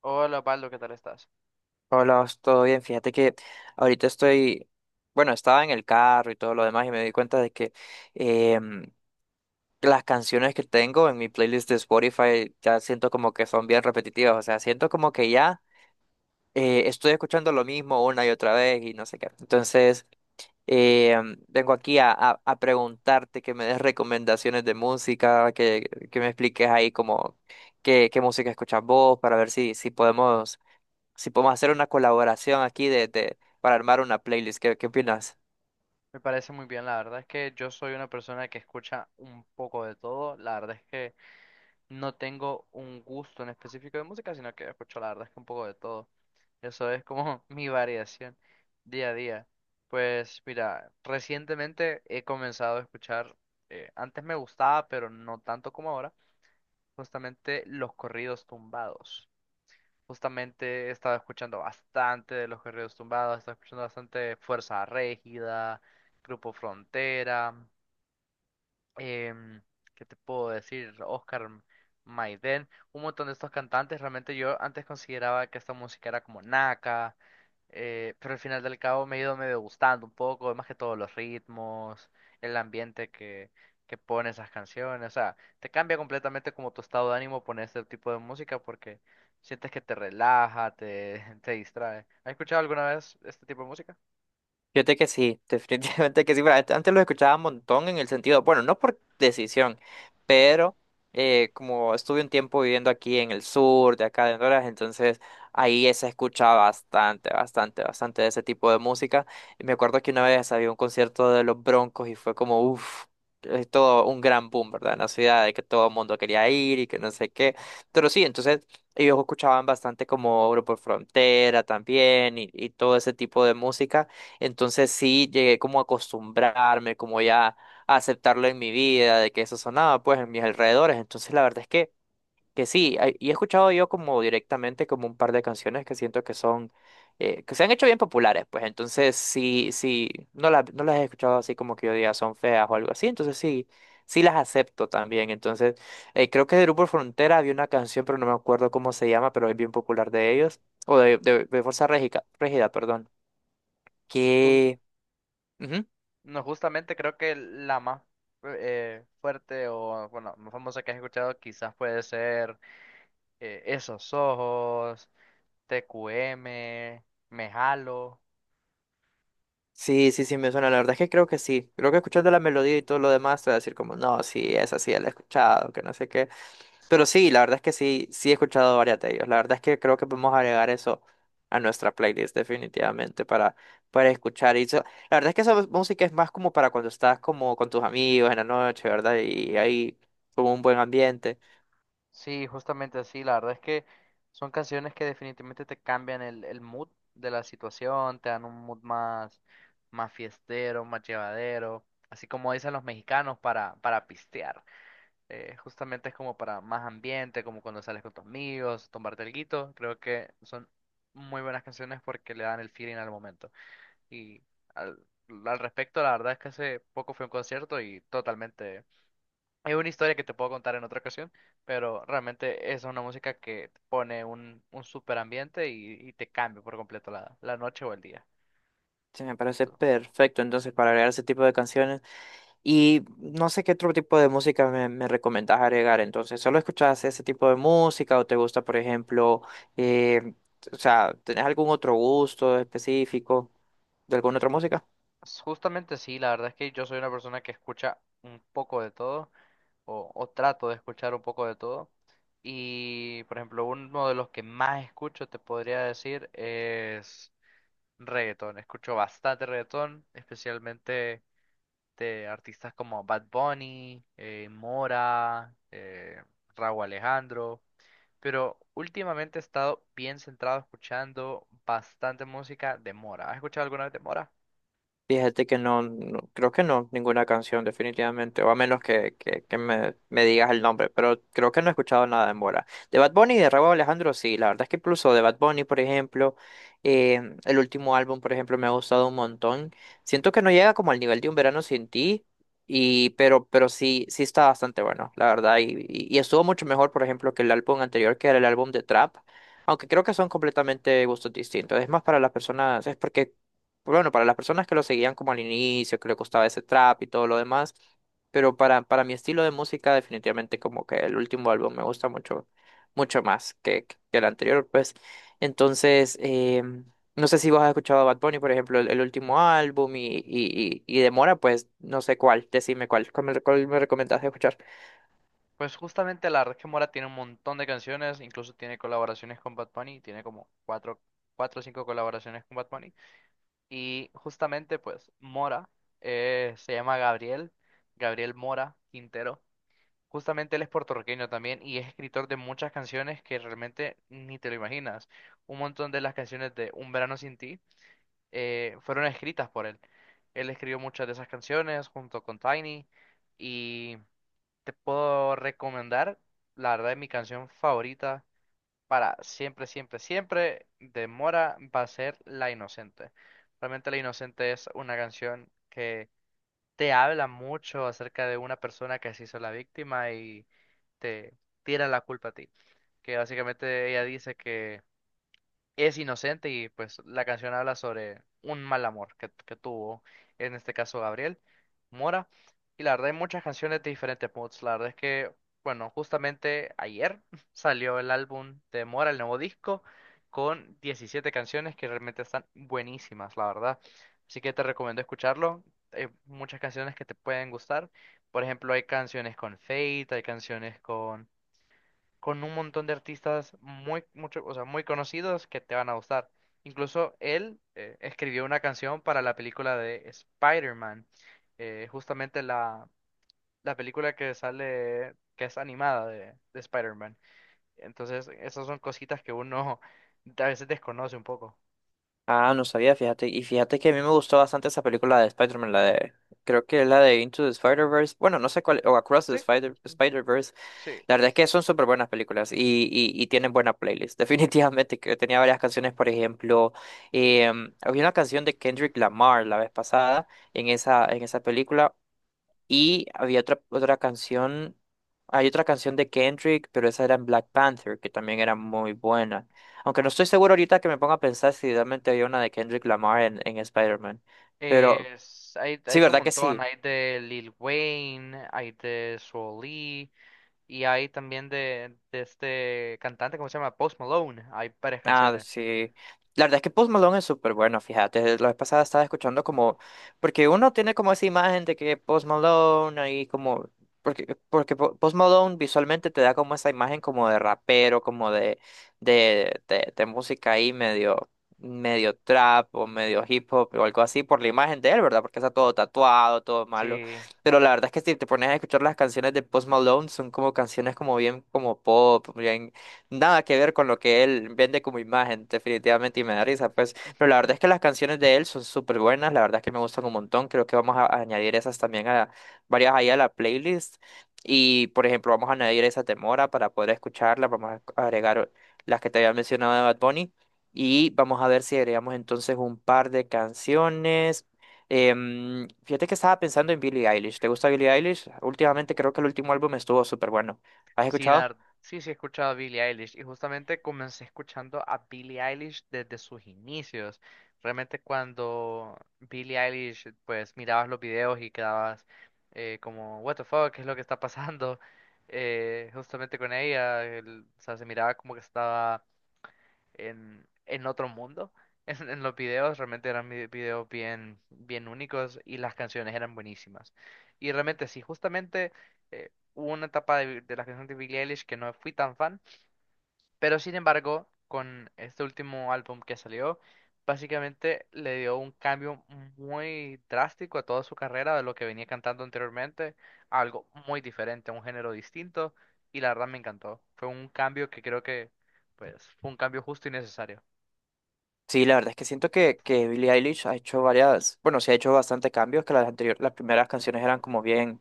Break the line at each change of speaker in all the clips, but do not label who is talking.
Hola, Pablo, ¿qué tal estás?
Hola, todo bien. Fíjate que ahorita estoy, bueno, estaba en el carro y todo lo demás y me di cuenta de que em, las canciones que tengo en mi playlist de Spotify ya siento como que son bien repetitivas, o sea, siento como que ya estoy escuchando lo mismo una y otra vez y no sé qué. Entonces, vengo aquí a preguntarte que me des recomendaciones de música, que me expliques ahí como qué música escuchas vos para ver si podemos si podemos hacer una colaboración aquí para armar una playlist. ¿ qué opinas?
Me parece muy bien, la verdad es que yo soy una persona que escucha un poco de todo, la verdad es que no tengo un gusto en específico de música, sino que escucho la verdad es que un poco de todo. Eso es como mi variación día a día. Pues mira, recientemente he comenzado a escuchar, antes me gustaba, pero no tanto como ahora, justamente los corridos tumbados. Justamente he estado escuchando bastante de los Guerreros Tumbados, he estado escuchando bastante Fuerza Régida, Grupo Frontera, em, ¿qué te puedo decir? Oscar Maiden, un montón de estos cantantes. Realmente yo antes consideraba que esta música era como naca, pero al final del cabo me ha ido medio gustando un poco, más que todo los ritmos, el ambiente que pone esas canciones. O sea, te cambia completamente como tu estado de ánimo poner este tipo de música porque sientes que te relaja, te distrae. ¿Has escuchado alguna vez este tipo de música?
Fíjate que sí, definitivamente que sí. Antes lo escuchaba un montón en el sentido, bueno, no por decisión, pero como estuve un tiempo viviendo aquí en el sur, de acá de Honduras, entonces ahí se escucha bastante, bastante, bastante de ese tipo de música. Y me acuerdo que una vez había un concierto de los Broncos y fue como, uff, todo un gran boom, ¿verdad? En la ciudad, de que todo el mundo quería ir y que no sé qué. Pero sí, entonces ellos escuchaban bastante como Grupo Frontera también y todo ese tipo de música. Entonces sí llegué como a acostumbrarme, como ya a aceptarlo en mi vida, de que eso sonaba pues en mis alrededores. Entonces la verdad es que sí, he escuchado yo como directamente como un par de canciones que siento que son, que se han hecho bien populares, pues entonces sí, sí, no las he escuchado así como que yo diga son feas o algo así, entonces sí, sí las acepto también. Entonces creo que de Grupo Frontera había una canción, pero no me acuerdo cómo se llama, pero es bien popular de ellos, o de Fuerza Régida, perdón,
¿Tú,
que... Ujú.
No, justamente creo que la más fuerte o, bueno, más famosa que has escuchado quizás puede ser, Esos Ojos, TQM, Me Jalo.
Sí, sí, sí, me suena. La verdad es que creo que sí. Creo que escuchando la melodía y todo lo demás, te voy a decir como, no, sí, esa sí, la he escuchado, que no sé qué. Pero sí, la verdad es que sí, sí he escuchado varias de ellos. La verdad es que creo que podemos agregar eso a nuestra playlist definitivamente para escuchar. La verdad es que esa música es más como para cuando estás como con tus amigos en la noche, ¿verdad? Y hay como un buen ambiente.
Sí, justamente así. La verdad es que son canciones que definitivamente te cambian el mood de la situación, te dan un mood más, más fiestero, más llevadero, así como dicen los mexicanos para pistear. Justamente es como para más ambiente, como cuando sales con tus amigos, tomarte alguito. Creo que son muy buenas canciones porque le dan el feeling al momento. Y al, al respecto, la verdad es que hace poco fui a un concierto y totalmente... Es una historia que te puedo contar en otra ocasión, pero realmente es una música que te pone un súper ambiente y te cambia por completo la noche o el día.
Sí, me parece
Tú-
perfecto entonces para agregar ese tipo de canciones. Y no sé qué otro tipo de música me recomendás agregar. Entonces, ¿solo escuchás ese tipo de música o te gusta, por ejemplo, eh, o sea, ¿tenés algún otro gusto específico de alguna otra música?
Justamente sí, la verdad es que yo soy una persona que escucha un poco de todo. O o trato de escuchar un poco de todo. Y, por ejemplo, uno de los que más escucho, te podría decir, es reggaetón. Escucho bastante reggaetón, especialmente de artistas como Bad Bunny, Mora, Rauw Alejandro. Pero últimamente he estado bien centrado escuchando bastante música de Mora. ¿Has escuchado alguna vez de Mora?
Fíjate que no, creo que no, ninguna canción definitivamente, o a menos que, que me digas el nombre, pero creo que no he escuchado nada en Mora. De Bad Bunny y de Rauw Alejandro, sí, la verdad es que incluso de Bad Bunny, por ejemplo, el último álbum, por ejemplo, me ha gustado un montón. Siento que no llega como al nivel de Un Verano Sin Ti, y, pero sí, sí está bastante bueno, la verdad, y estuvo mucho mejor, por ejemplo, que el álbum anterior, que era el álbum de Trap. Aunque creo que son completamente gustos distintos. Es más para las personas, es porque pues bueno, para las personas que lo seguían como al inicio, que le costaba ese trap y todo lo demás, pero para mi estilo de música, definitivamente como que el último álbum me gusta mucho, mucho más que el anterior, pues. Entonces, no sé si vos has escuchado a Bad Bunny, por ejemplo, el último álbum y de Mora, pues no sé cuál, decime cuál, cuál me recomendás escuchar.
Pues justamente la verdad que Mora tiene un montón de canciones, incluso tiene colaboraciones con Bad Bunny, tiene como cuatro, cuatro o cinco colaboraciones con Bad Bunny. Y justamente pues Mora, se llama Gabriel, Gabriel Mora Quintero. Justamente él es puertorriqueño también y es escritor de muchas canciones que realmente ni te lo imaginas. Un montón de las canciones de Un verano sin ti fueron escritas por él. Él escribió muchas de esas canciones junto con Tiny y... Te puedo recomendar, la verdad, mi canción favorita para siempre, siempre, siempre de Mora va a ser La Inocente. Realmente La Inocente es una canción que te habla mucho acerca de una persona que se hizo la víctima y te tira la culpa a ti. Que básicamente ella dice que es inocente y pues la canción habla sobre un mal amor que tuvo, en este caso Gabriel Mora. Y la verdad hay muchas canciones de diferentes moods. La verdad es que, bueno, justamente ayer salió el álbum de Mora, el nuevo disco, con 17 canciones que realmente están buenísimas, la verdad. Así que te recomiendo escucharlo. Hay muchas canciones que te pueden gustar. Por ejemplo, hay canciones con Fate, hay canciones con un montón de artistas muy, mucho, o sea, muy conocidos que te van a gustar. Incluso él escribió una canción para la película de Spider-Man, justamente la película que sale, que es animada de Spider-Man. Entonces, esas son cositas que uno a veces desconoce un poco.
Ah, no sabía, fíjate. Y fíjate que a mí me gustó bastante esa película de Spider-Man, la de. Creo que es la de Into the Spider-Verse. Bueno, no sé cuál. O Across the
Sí,
Spider-Verse.
sí.
La verdad es que son súper buenas películas y, y tienen buena playlist. Definitivamente, que tenía varias canciones, por ejemplo, había una canción de Kendrick Lamar la vez pasada en esa película y había otra canción, hay otra canción de Kendrick, pero esa era en Black Panther, que también era muy buena. Aunque no estoy seguro ahorita que me ponga a pensar si realmente había una de Kendrick Lamar en Spider-Man. Pero
Hay, hay
sí,
de un
¿verdad que
montón,
sí?
hay de Lil Wayne, hay de Swae Lee, y hay también de este cantante, ¿cómo se llama? Post Malone. Hay varias
Ah,
canciones.
sí. La verdad es que Post Malone es súper bueno, fíjate. La vez pasada estaba escuchando como, porque uno tiene como esa imagen de que Post Malone ahí como, porque Post Malone visualmente te da como esa imagen como de rapero, como de música ahí medio, medio trap o medio hip hop o algo así por la imagen de él, ¿verdad? Porque está todo tatuado, todo malo.
Sí.
Pero la verdad es que si te pones a escuchar las canciones de Post Malone, son como canciones como bien como pop, bien nada que ver con lo que él vende como imagen, definitivamente, y me da risa, pues. Pero la verdad es que las canciones de él son súper buenas, la verdad es que me gustan un montón. Creo que vamos a añadir esas también a varias ahí a la playlist. Y, por ejemplo, vamos a añadir esa de Mora para poder escucharla. Vamos a agregar las que te había mencionado de Bad Bunny. Y vamos a ver si agregamos entonces un par de canciones. Fíjate que estaba pensando en Billie Eilish. ¿Te gusta Billie Eilish? Últimamente creo que el último álbum estuvo súper bueno. ¿Has
Sí, la,
escuchado?
ver- sí, sí, he escuchado a Billie Eilish. Y justamente comencé escuchando a Billie Eilish desde sus inicios. Realmente cuando Billie Eilish, pues mirabas los videos y quedabas, como, what the fuck, ¿qué es lo que está pasando? Justamente con ella, o sea, se miraba como que estaba en otro mundo. En los videos realmente eran videos bien, bien únicos y las canciones eran buenísimas. Y realmente sí, justamente, hubo una etapa de las canciones de Billie Eilish que no fui tan fan, pero sin embargo, con este último álbum que salió, básicamente le dio un cambio muy drástico a toda su carrera de lo que venía cantando anteriormente, a algo muy diferente, a un género distinto, y la verdad me encantó. Fue un cambio que creo que, pues, fue un cambio justo y necesario.
Sí, la verdad es que siento que Billie Eilish ha hecho varias, bueno, sí ha hecho bastante cambios, que las anteriores, las primeras canciones eran como bien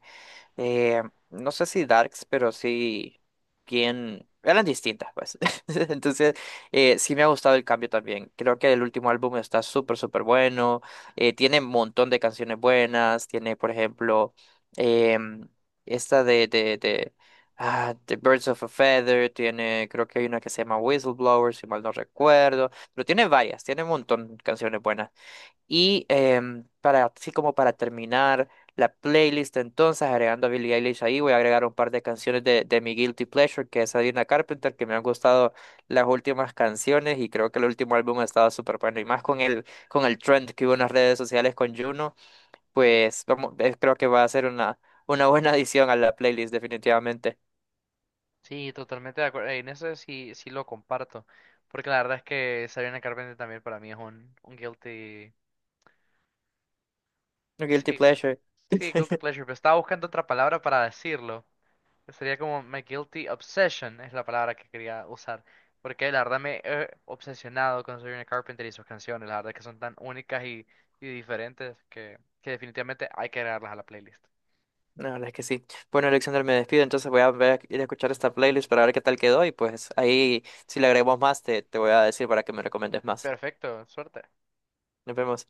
eh, no sé si darks, pero sí bien, eran distintas, pues. Entonces, sí me ha gustado el cambio también. Creo que el último álbum está súper, súper bueno. Tiene un montón de canciones buenas. Tiene, por ejemplo, em, esta ah, The Birds of a Feather. Tiene, creo que hay una que se llama Whistleblower, si mal no recuerdo. Pero tiene varias, tiene un montón de canciones buenas. Y para, así como para terminar la playlist, entonces agregando a Billie Eilish ahí, voy a agregar un par de canciones de mi Guilty Pleasure, que es Adina Carpenter, que me han gustado las últimas canciones y creo que el último álbum ha estado súper bueno. Y más con el trend que hubo en las redes sociales con Juno, pues vamos, creo que va a ser una buena adición a la playlist, definitivamente.
Sí, totalmente de acuerdo. En eso sí, sí lo comparto. Porque la verdad es que Sabrina Carpenter también para mí es un guilty.
Guilty
Sí,
Pleasure.
sí, guilty pleasure. Pero estaba buscando otra palabra para decirlo. Que sería como my guilty obsession, es la palabra que quería usar. Porque la verdad me he obsesionado con Sabrina Carpenter y sus canciones. La verdad es que son tan únicas y diferentes que definitivamente hay que agregarlas a la playlist.
La verdad es que sí. Bueno, Alexander, me despido, entonces voy a ir a escuchar esta playlist para ver qué tal quedó y pues ahí si le agregamos más te voy a decir para que me recomiendes más.
Perfecto, suerte.
Nos vemos.